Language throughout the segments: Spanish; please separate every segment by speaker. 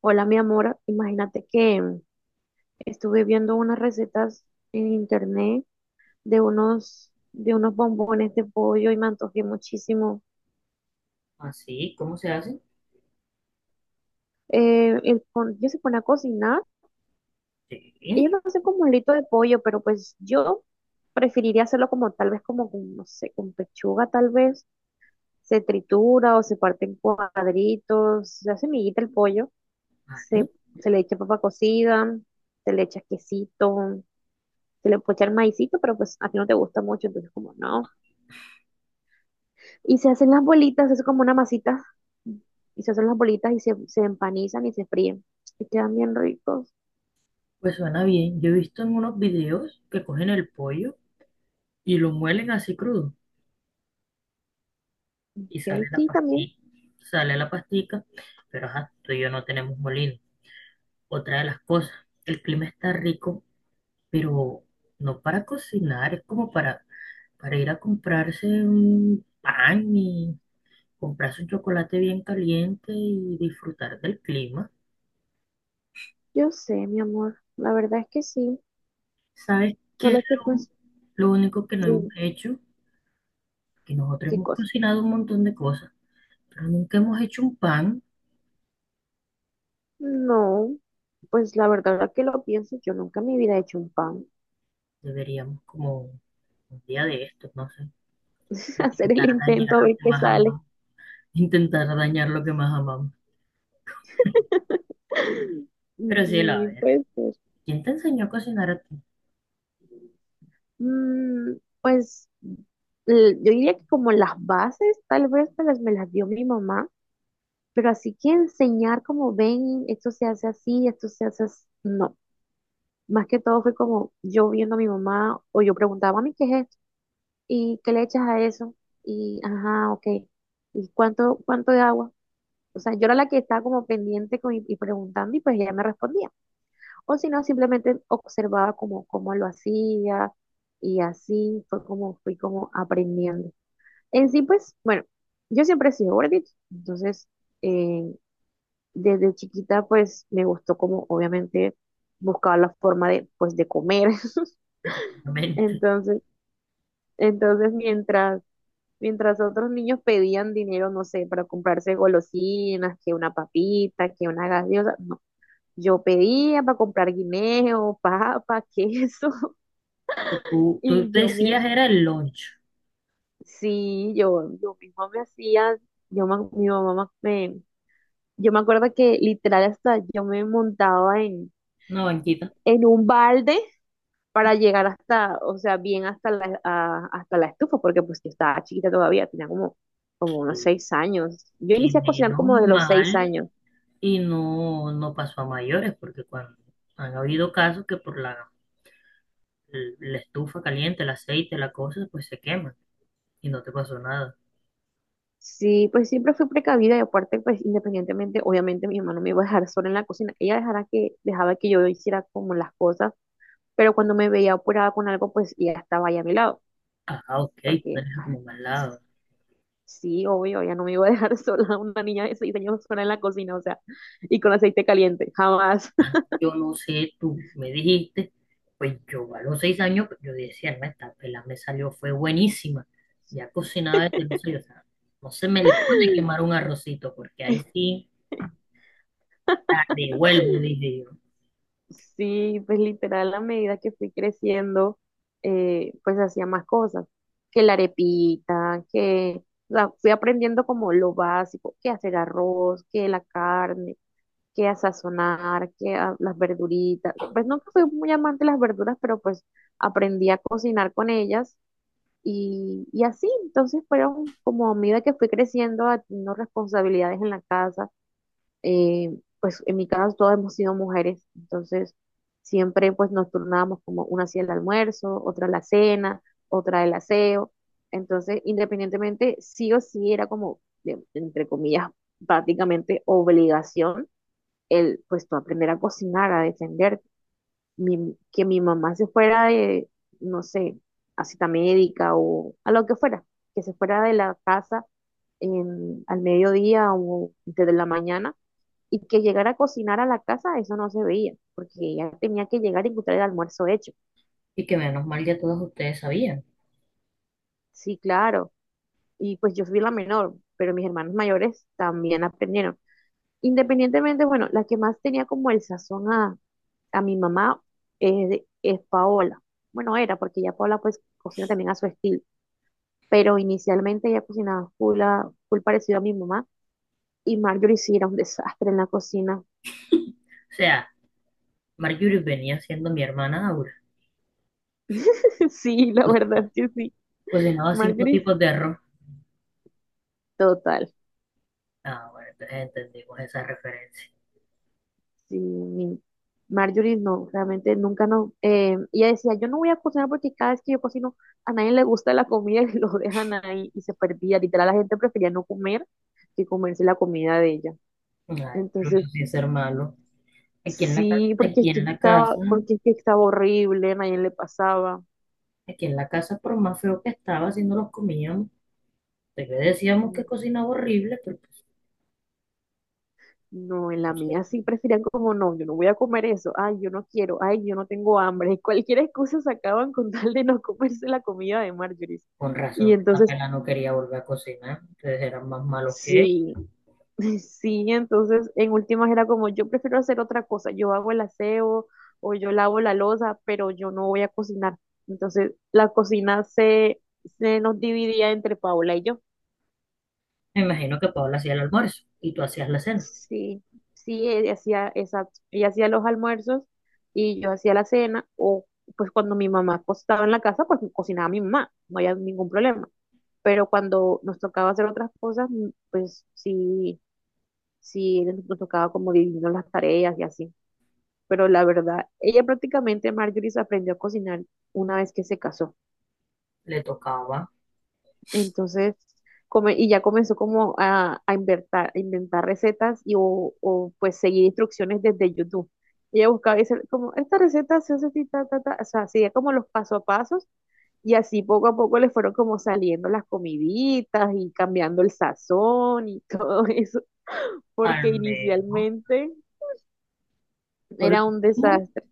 Speaker 1: Hola, mi amor. Imagínate que estuve viendo unas recetas en internet de unos bombones de pollo y me antojé muchísimo.
Speaker 2: Así, ¿cómo se hace?
Speaker 1: Yo se pone a cocinar.
Speaker 2: Sí,
Speaker 1: Ellos lo hacen como un lito de pollo, pero pues yo preferiría hacerlo como tal vez como con, no sé, con pechuga tal vez. Se tritura o se parte en cuadritos, se hace miguita el pollo,
Speaker 2: vale.
Speaker 1: se, se le echa papa cocida, se le echa quesito, se le puede echar maicito, pero pues a ti no te gusta mucho, entonces como no. Y se hacen las bolitas, es como una masita, y se hacen las bolitas y se empanizan y se fríen, y quedan bien ricos.
Speaker 2: Pues suena bien. Yo he visto en unos videos que cogen el pollo y lo muelen así crudo y sale
Speaker 1: Ok,
Speaker 2: la
Speaker 1: sí, también,
Speaker 2: pastilla. Sale la pastica, pero ajá, tú y yo no tenemos molino. Otra de las cosas, el clima está rico, pero no para cocinar, es como para ir a comprarse un pan y comprarse un chocolate bien caliente y disfrutar del clima.
Speaker 1: yo sé, mi amor, la verdad es que sí,
Speaker 2: ¿Sabes qué es
Speaker 1: solo que
Speaker 2: lo,
Speaker 1: pues,
Speaker 2: lo único que no hemos
Speaker 1: dime,
Speaker 2: hecho? Que nosotros
Speaker 1: ¿qué
Speaker 2: hemos
Speaker 1: cosa?
Speaker 2: cocinado un montón de cosas, pero nunca hemos hecho un pan.
Speaker 1: No, pues la verdad es que lo pienso, yo nunca en mi vida he hecho un pan.
Speaker 2: Deberíamos como un día de estos, no sé,
Speaker 1: Hacer el
Speaker 2: intentar
Speaker 1: intento
Speaker 2: dañar
Speaker 1: a
Speaker 2: lo
Speaker 1: ver
Speaker 2: que
Speaker 1: qué
Speaker 2: más
Speaker 1: sale.
Speaker 2: amamos, intentar dañar lo que más amamos. Pero sí, a
Speaker 1: Sí,
Speaker 2: ver,
Speaker 1: puede ser.
Speaker 2: ¿quién te enseñó a cocinar a ti?
Speaker 1: Mm, pues yo diría que como las bases, tal vez me las, dio mi mamá, pero así que enseñar como ven, esto se hace así, esto se hace así, no. Más que todo fue como yo viendo a mi mamá o yo preguntaba, mami, ¿qué es esto? ¿Y qué le echas a eso? Y, ajá, ok. ¿Y cuánto de agua? O sea, yo era la que estaba como pendiente y preguntando y pues ella me respondía. O si no, simplemente observaba como cómo lo hacía y así fue como fui como aprendiendo. En sí, pues, bueno, yo siempre he sido gordita, entonces eh, desde chiquita, pues, me gustó como, obviamente, buscaba la forma de, pues, de comer.
Speaker 2: Obviamente.
Speaker 1: Entonces, entonces mientras, mientras otros niños pedían dinero, no sé, para comprarse golosinas, que una papita, que una gaseosa, no. Yo pedía para comprar guineo, papa, queso,
Speaker 2: Tú
Speaker 1: y yo me,
Speaker 2: decías era el lunch,
Speaker 1: sí, yo misma me hacía, mi mamá me. Yo me acuerdo que literal hasta yo me montaba en,
Speaker 2: una banquita,
Speaker 1: en un balde para llegar hasta, o sea, bien hasta la estufa, porque pues yo estaba chiquita todavía, tenía como
Speaker 2: que,
Speaker 1: unos 6 años. Yo
Speaker 2: que
Speaker 1: inicié a cocinar
Speaker 2: menos
Speaker 1: como desde los seis
Speaker 2: mal
Speaker 1: años.
Speaker 2: y no, no pasó a mayores, porque cuando han habido casos que por la estufa caliente, el aceite, la cosa, pues se quema y no te pasó nada.
Speaker 1: Sí, pues siempre fui precavida y aparte, pues independientemente, obviamente mi mamá no me iba a dejar sola en la cocina. Ella dejaba que yo hiciera como las cosas, pero cuando me veía apurada con algo, pues ella estaba ahí a mi lado,
Speaker 2: Ah, ok, tú
Speaker 1: porque
Speaker 2: tenés a tu mamá al lado.
Speaker 1: sí, obvio, ya no me iba a dejar sola una niña de 6 años sola en la cocina, o sea, y con aceite caliente, jamás.
Speaker 2: Ah, yo no sé, tú me dijiste, pues yo a los 6 años, pues, yo decía, no, esta pela me salió, fue buenísima. Ya cocinaba desde los seis, o sea, no se me le puede quemar un arrocito, porque ahí sí la devuelvo, dije yo.
Speaker 1: Sí, pues literal, a medida que fui creciendo, pues hacía más cosas, que la arepita, que, o sea, fui aprendiendo como lo básico, que hacer arroz, que la carne, que a sazonar, que las verduritas. Pues nunca fui muy amante de las verduras, pero pues aprendí a cocinar con ellas. Y así, entonces fueron como a medida que fui creciendo, teniendo responsabilidades en la casa, pues en mi casa todas hemos sido mujeres, entonces siempre pues nos turnábamos como una hacía el almuerzo, otra la cena, otra el aseo, entonces independientemente sí o sí era como, entre comillas, prácticamente obligación el pues tú aprender a cocinar, a defenderte que mi mamá se fuera de, no sé, a cita médica o a lo que fuera, que se fuera de la casa al mediodía o desde la mañana y que llegara a cocinar a la casa, eso no se veía, porque ella tenía que llegar y encontrar el almuerzo hecho.
Speaker 2: Y que menos mal ya todos ustedes sabían.
Speaker 1: Sí, claro. Y pues yo fui la menor, pero mis hermanos mayores también aprendieron. Independientemente, bueno, la que más tenía como el sazón a, mi mamá es Paola. Bueno, era, porque ya Paola pues cocina también a su estilo, pero inicialmente ella cocinaba full, full parecido a mi mamá, y Marjorie sí era un desastre en la cocina.
Speaker 2: O sea, Marjorie venía siendo mi hermana Aura.
Speaker 1: Sí, la
Speaker 2: Pues
Speaker 1: verdad es que sí.
Speaker 2: cocinaba cinco
Speaker 1: Marjorie,
Speaker 2: tipos de arroz.
Speaker 1: total.
Speaker 2: Ah, bueno, entonces entendimos esa referencia.
Speaker 1: Sí, Marjorie no, realmente nunca no. Ella decía, yo no voy a cocinar porque cada vez que yo cocino a nadie le gusta la comida y lo dejan ahí y se perdía. Literal, la gente prefería no comer que comerse la comida de ella.
Speaker 2: Ay, pero eso
Speaker 1: Entonces,
Speaker 2: sí es ser malo. Aquí en
Speaker 1: sí, porque
Speaker 2: aquí
Speaker 1: es que
Speaker 2: en la
Speaker 1: estaba,
Speaker 2: casa.
Speaker 1: porque es que estaba horrible, a nadie le pasaba.
Speaker 2: Aquí en la casa, por más feo que estaba, si no los comíamos, pues le decíamos
Speaker 1: Mm.
Speaker 2: que cocinaba horrible, pero pues,
Speaker 1: No, en la
Speaker 2: no sé,
Speaker 1: mía sí preferían como no, yo no voy a comer eso, ay, yo no quiero, ay, yo no tengo hambre. Y cualquier excusa sacaban con tal de no comerse la comida de Marjorie.
Speaker 2: con
Speaker 1: Y
Speaker 2: razón,
Speaker 1: entonces,
Speaker 2: apenas no quería volver a cocinar, ustedes eran más malos que ella.
Speaker 1: sí, sí, entonces en últimas era como yo prefiero hacer otra cosa, yo hago el aseo o yo lavo la loza, pero yo no voy a cocinar. Entonces la cocina se, nos dividía entre Paola y yo.
Speaker 2: Me imagino que Paola hacía el almuerzo y tú hacías la cena.
Speaker 1: Sí, sí, ella hacía, exacto, ella hacía los almuerzos y yo hacía la cena, o pues cuando mi mamá estaba en la casa, pues cocinaba mi mamá, no había ningún problema. Pero cuando nos tocaba hacer otras cosas, pues sí, sí, nos tocaba como dividirnos las tareas y así. Pero la verdad, ella prácticamente, Marjorie, se aprendió a cocinar una vez que se casó.
Speaker 2: Le tocaba,
Speaker 1: Entonces, y ya comenzó como a inventar recetas y pues seguir instrucciones desde YouTube. Ella buscaba y decía, como, esta receta se hace así, ta, ta, ta. O sea, hacía como los paso a pasos y así poco a poco le fueron como saliendo las comiditas y cambiando el sazón y todo eso,
Speaker 2: al
Speaker 1: porque
Speaker 2: menos,
Speaker 1: inicialmente
Speaker 2: por lo
Speaker 1: era un
Speaker 2: mínimo,
Speaker 1: desastre.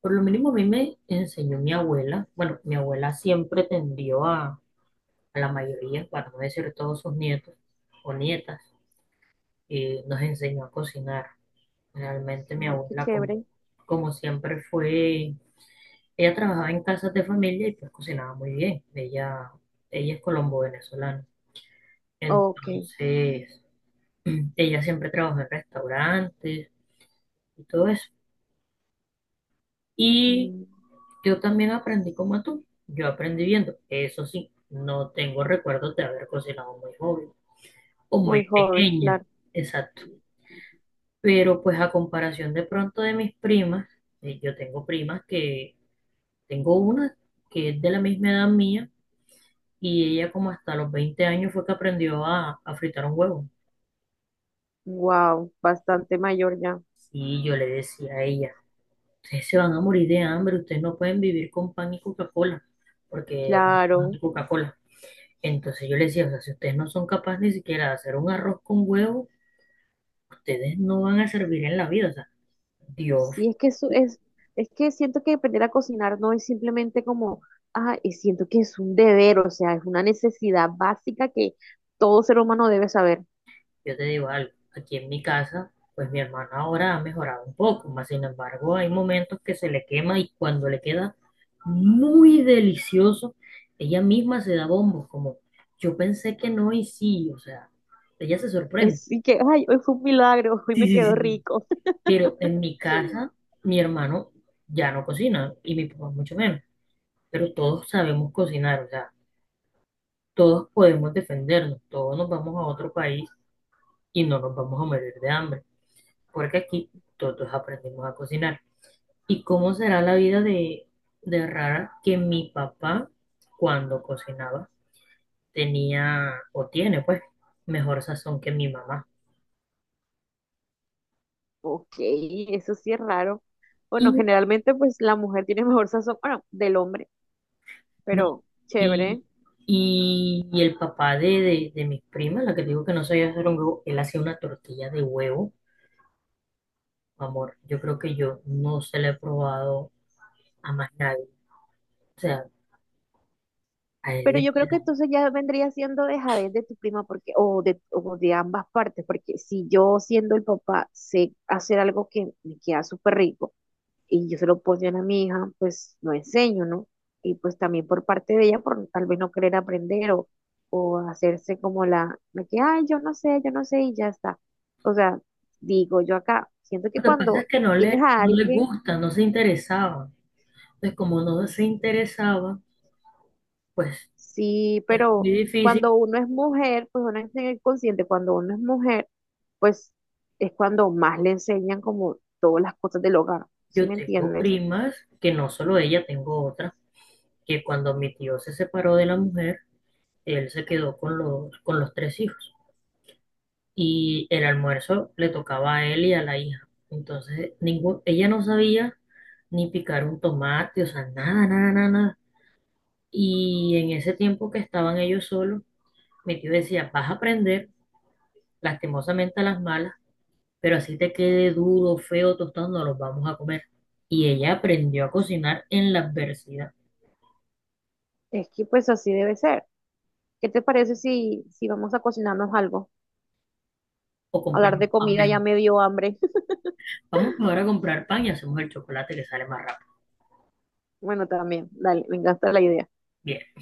Speaker 2: por lo mínimo a mí me enseñó mi abuela. Bueno, mi abuela siempre tendió a la mayoría, para no decir todos sus nietos o nietas, y nos enseñó a cocinar. Realmente mi
Speaker 1: Ay, qué
Speaker 2: abuela, como,
Speaker 1: chévere.
Speaker 2: como siempre fue, ella trabajaba en casas de familia y pues cocinaba muy bien. Ella es colombo-venezolana.
Speaker 1: Ok.
Speaker 2: Entonces, ella siempre trabajó en restaurantes y todo eso. Y
Speaker 1: mm,
Speaker 2: yo también aprendí como tú. Yo aprendí viendo. Eso sí, no tengo recuerdos de haber cocinado muy joven o muy
Speaker 1: Muy joven,
Speaker 2: pequeña.
Speaker 1: claro.
Speaker 2: Exacto. Pero pues a comparación de pronto de mis primas, yo tengo primas que tengo una que es de la misma edad mía y ella como hasta los 20 años fue que aprendió a fritar un huevo.
Speaker 1: Wow, bastante mayor ya.
Speaker 2: Y yo le decía a ella, ustedes se van a morir de hambre, ustedes no pueden vivir con pan y Coca-Cola, porque era pan y
Speaker 1: Claro.
Speaker 2: Coca-Cola. Entonces yo le decía, o sea, si ustedes no son capaces ni siquiera de hacer un arroz con huevo, ustedes no van a servir en la vida. O sea, Dios.
Speaker 1: Sí, es que siento que aprender a cocinar no es simplemente como, ah, y siento que es un deber, o sea, es una necesidad básica que todo ser humano debe saber.
Speaker 2: Yo te digo algo, aquí en mi casa, pues mi hermana ahora ha mejorado un poco, más sin embargo hay momentos que se le quema y cuando le queda muy delicioso, ella misma se da bombos, como yo pensé que no y sí, o sea, ella se sorprende.
Speaker 1: Es y que, ay, hoy fue un milagro, hoy
Speaker 2: Sí,
Speaker 1: me
Speaker 2: sí,
Speaker 1: quedó
Speaker 2: sí.
Speaker 1: rico.
Speaker 2: Pero en mi casa, mi hermano ya no cocina y mi papá mucho menos, pero todos sabemos cocinar, o sea, todos podemos defendernos, todos nos vamos a otro país y no nos vamos a morir de hambre, porque aquí todos aprendimos a cocinar. ¿Y cómo será la vida de rara que mi papá, cuando cocinaba, tenía o tiene, pues, mejor sazón que mi mamá?
Speaker 1: Ok, eso sí es raro. Bueno,
Speaker 2: Y
Speaker 1: generalmente pues la mujer tiene mejor sazón, bueno, del hombre,
Speaker 2: no,
Speaker 1: pero chévere.
Speaker 2: y, y el papá de, de mis primas, la que digo que no sabía hacer un huevo, él hacía una tortilla de huevo, amor. Yo creo que yo no se la he probado a más nadie. O sea, a él
Speaker 1: Pero
Speaker 2: le
Speaker 1: yo creo que
Speaker 2: queda.
Speaker 1: entonces ya vendría siendo dejadez de tu prima porque, o de, ambas partes, porque si yo siendo el papá sé hacer algo que me queda súper rico, y yo se lo pongo a mi hija, pues lo enseño, ¿no? Y pues también por parte de ella, por tal vez no querer aprender o, hacerse como la que, ay, yo no sé y ya está. O sea, digo yo acá, siento que
Speaker 2: Lo que pasa es
Speaker 1: cuando
Speaker 2: que no
Speaker 1: tienes a
Speaker 2: no le
Speaker 1: alguien,
Speaker 2: gusta, no se interesaba. Pues como no se interesaba, pues
Speaker 1: sí,
Speaker 2: es muy
Speaker 1: pero
Speaker 2: difícil.
Speaker 1: cuando uno es mujer, pues uno es el consciente, cuando uno es mujer, pues es cuando más le enseñan como todas las cosas del hogar, ¿sí
Speaker 2: Yo
Speaker 1: me
Speaker 2: tengo
Speaker 1: entiendes?
Speaker 2: primas, que no solo ella, tengo otra, que cuando mi tío se separó de la mujer, él se quedó con los tres hijos. Y el almuerzo le tocaba a él y a la hija. Entonces, ningún, ella no sabía ni picar un tomate, o sea, nada, nada, nada, nada. Y en ese tiempo que estaban ellos solos, mi tío decía, vas a aprender, lastimosamente a las malas, pero así te quede duro, feo, tostado, no los vamos a comer. Y ella aprendió a cocinar en la adversidad
Speaker 1: Es que pues así debe ser. ¿Qué te parece si, vamos a cocinarnos algo?
Speaker 2: o
Speaker 1: Hablar
Speaker 2: compramos
Speaker 1: de
Speaker 2: pan
Speaker 1: comida ya
Speaker 2: mejor.
Speaker 1: me dio hambre.
Speaker 2: Vamos ahora a comprar pan y hacemos el chocolate que sale más rápido.
Speaker 1: Bueno, también, dale, me encanta la idea.
Speaker 2: Bien.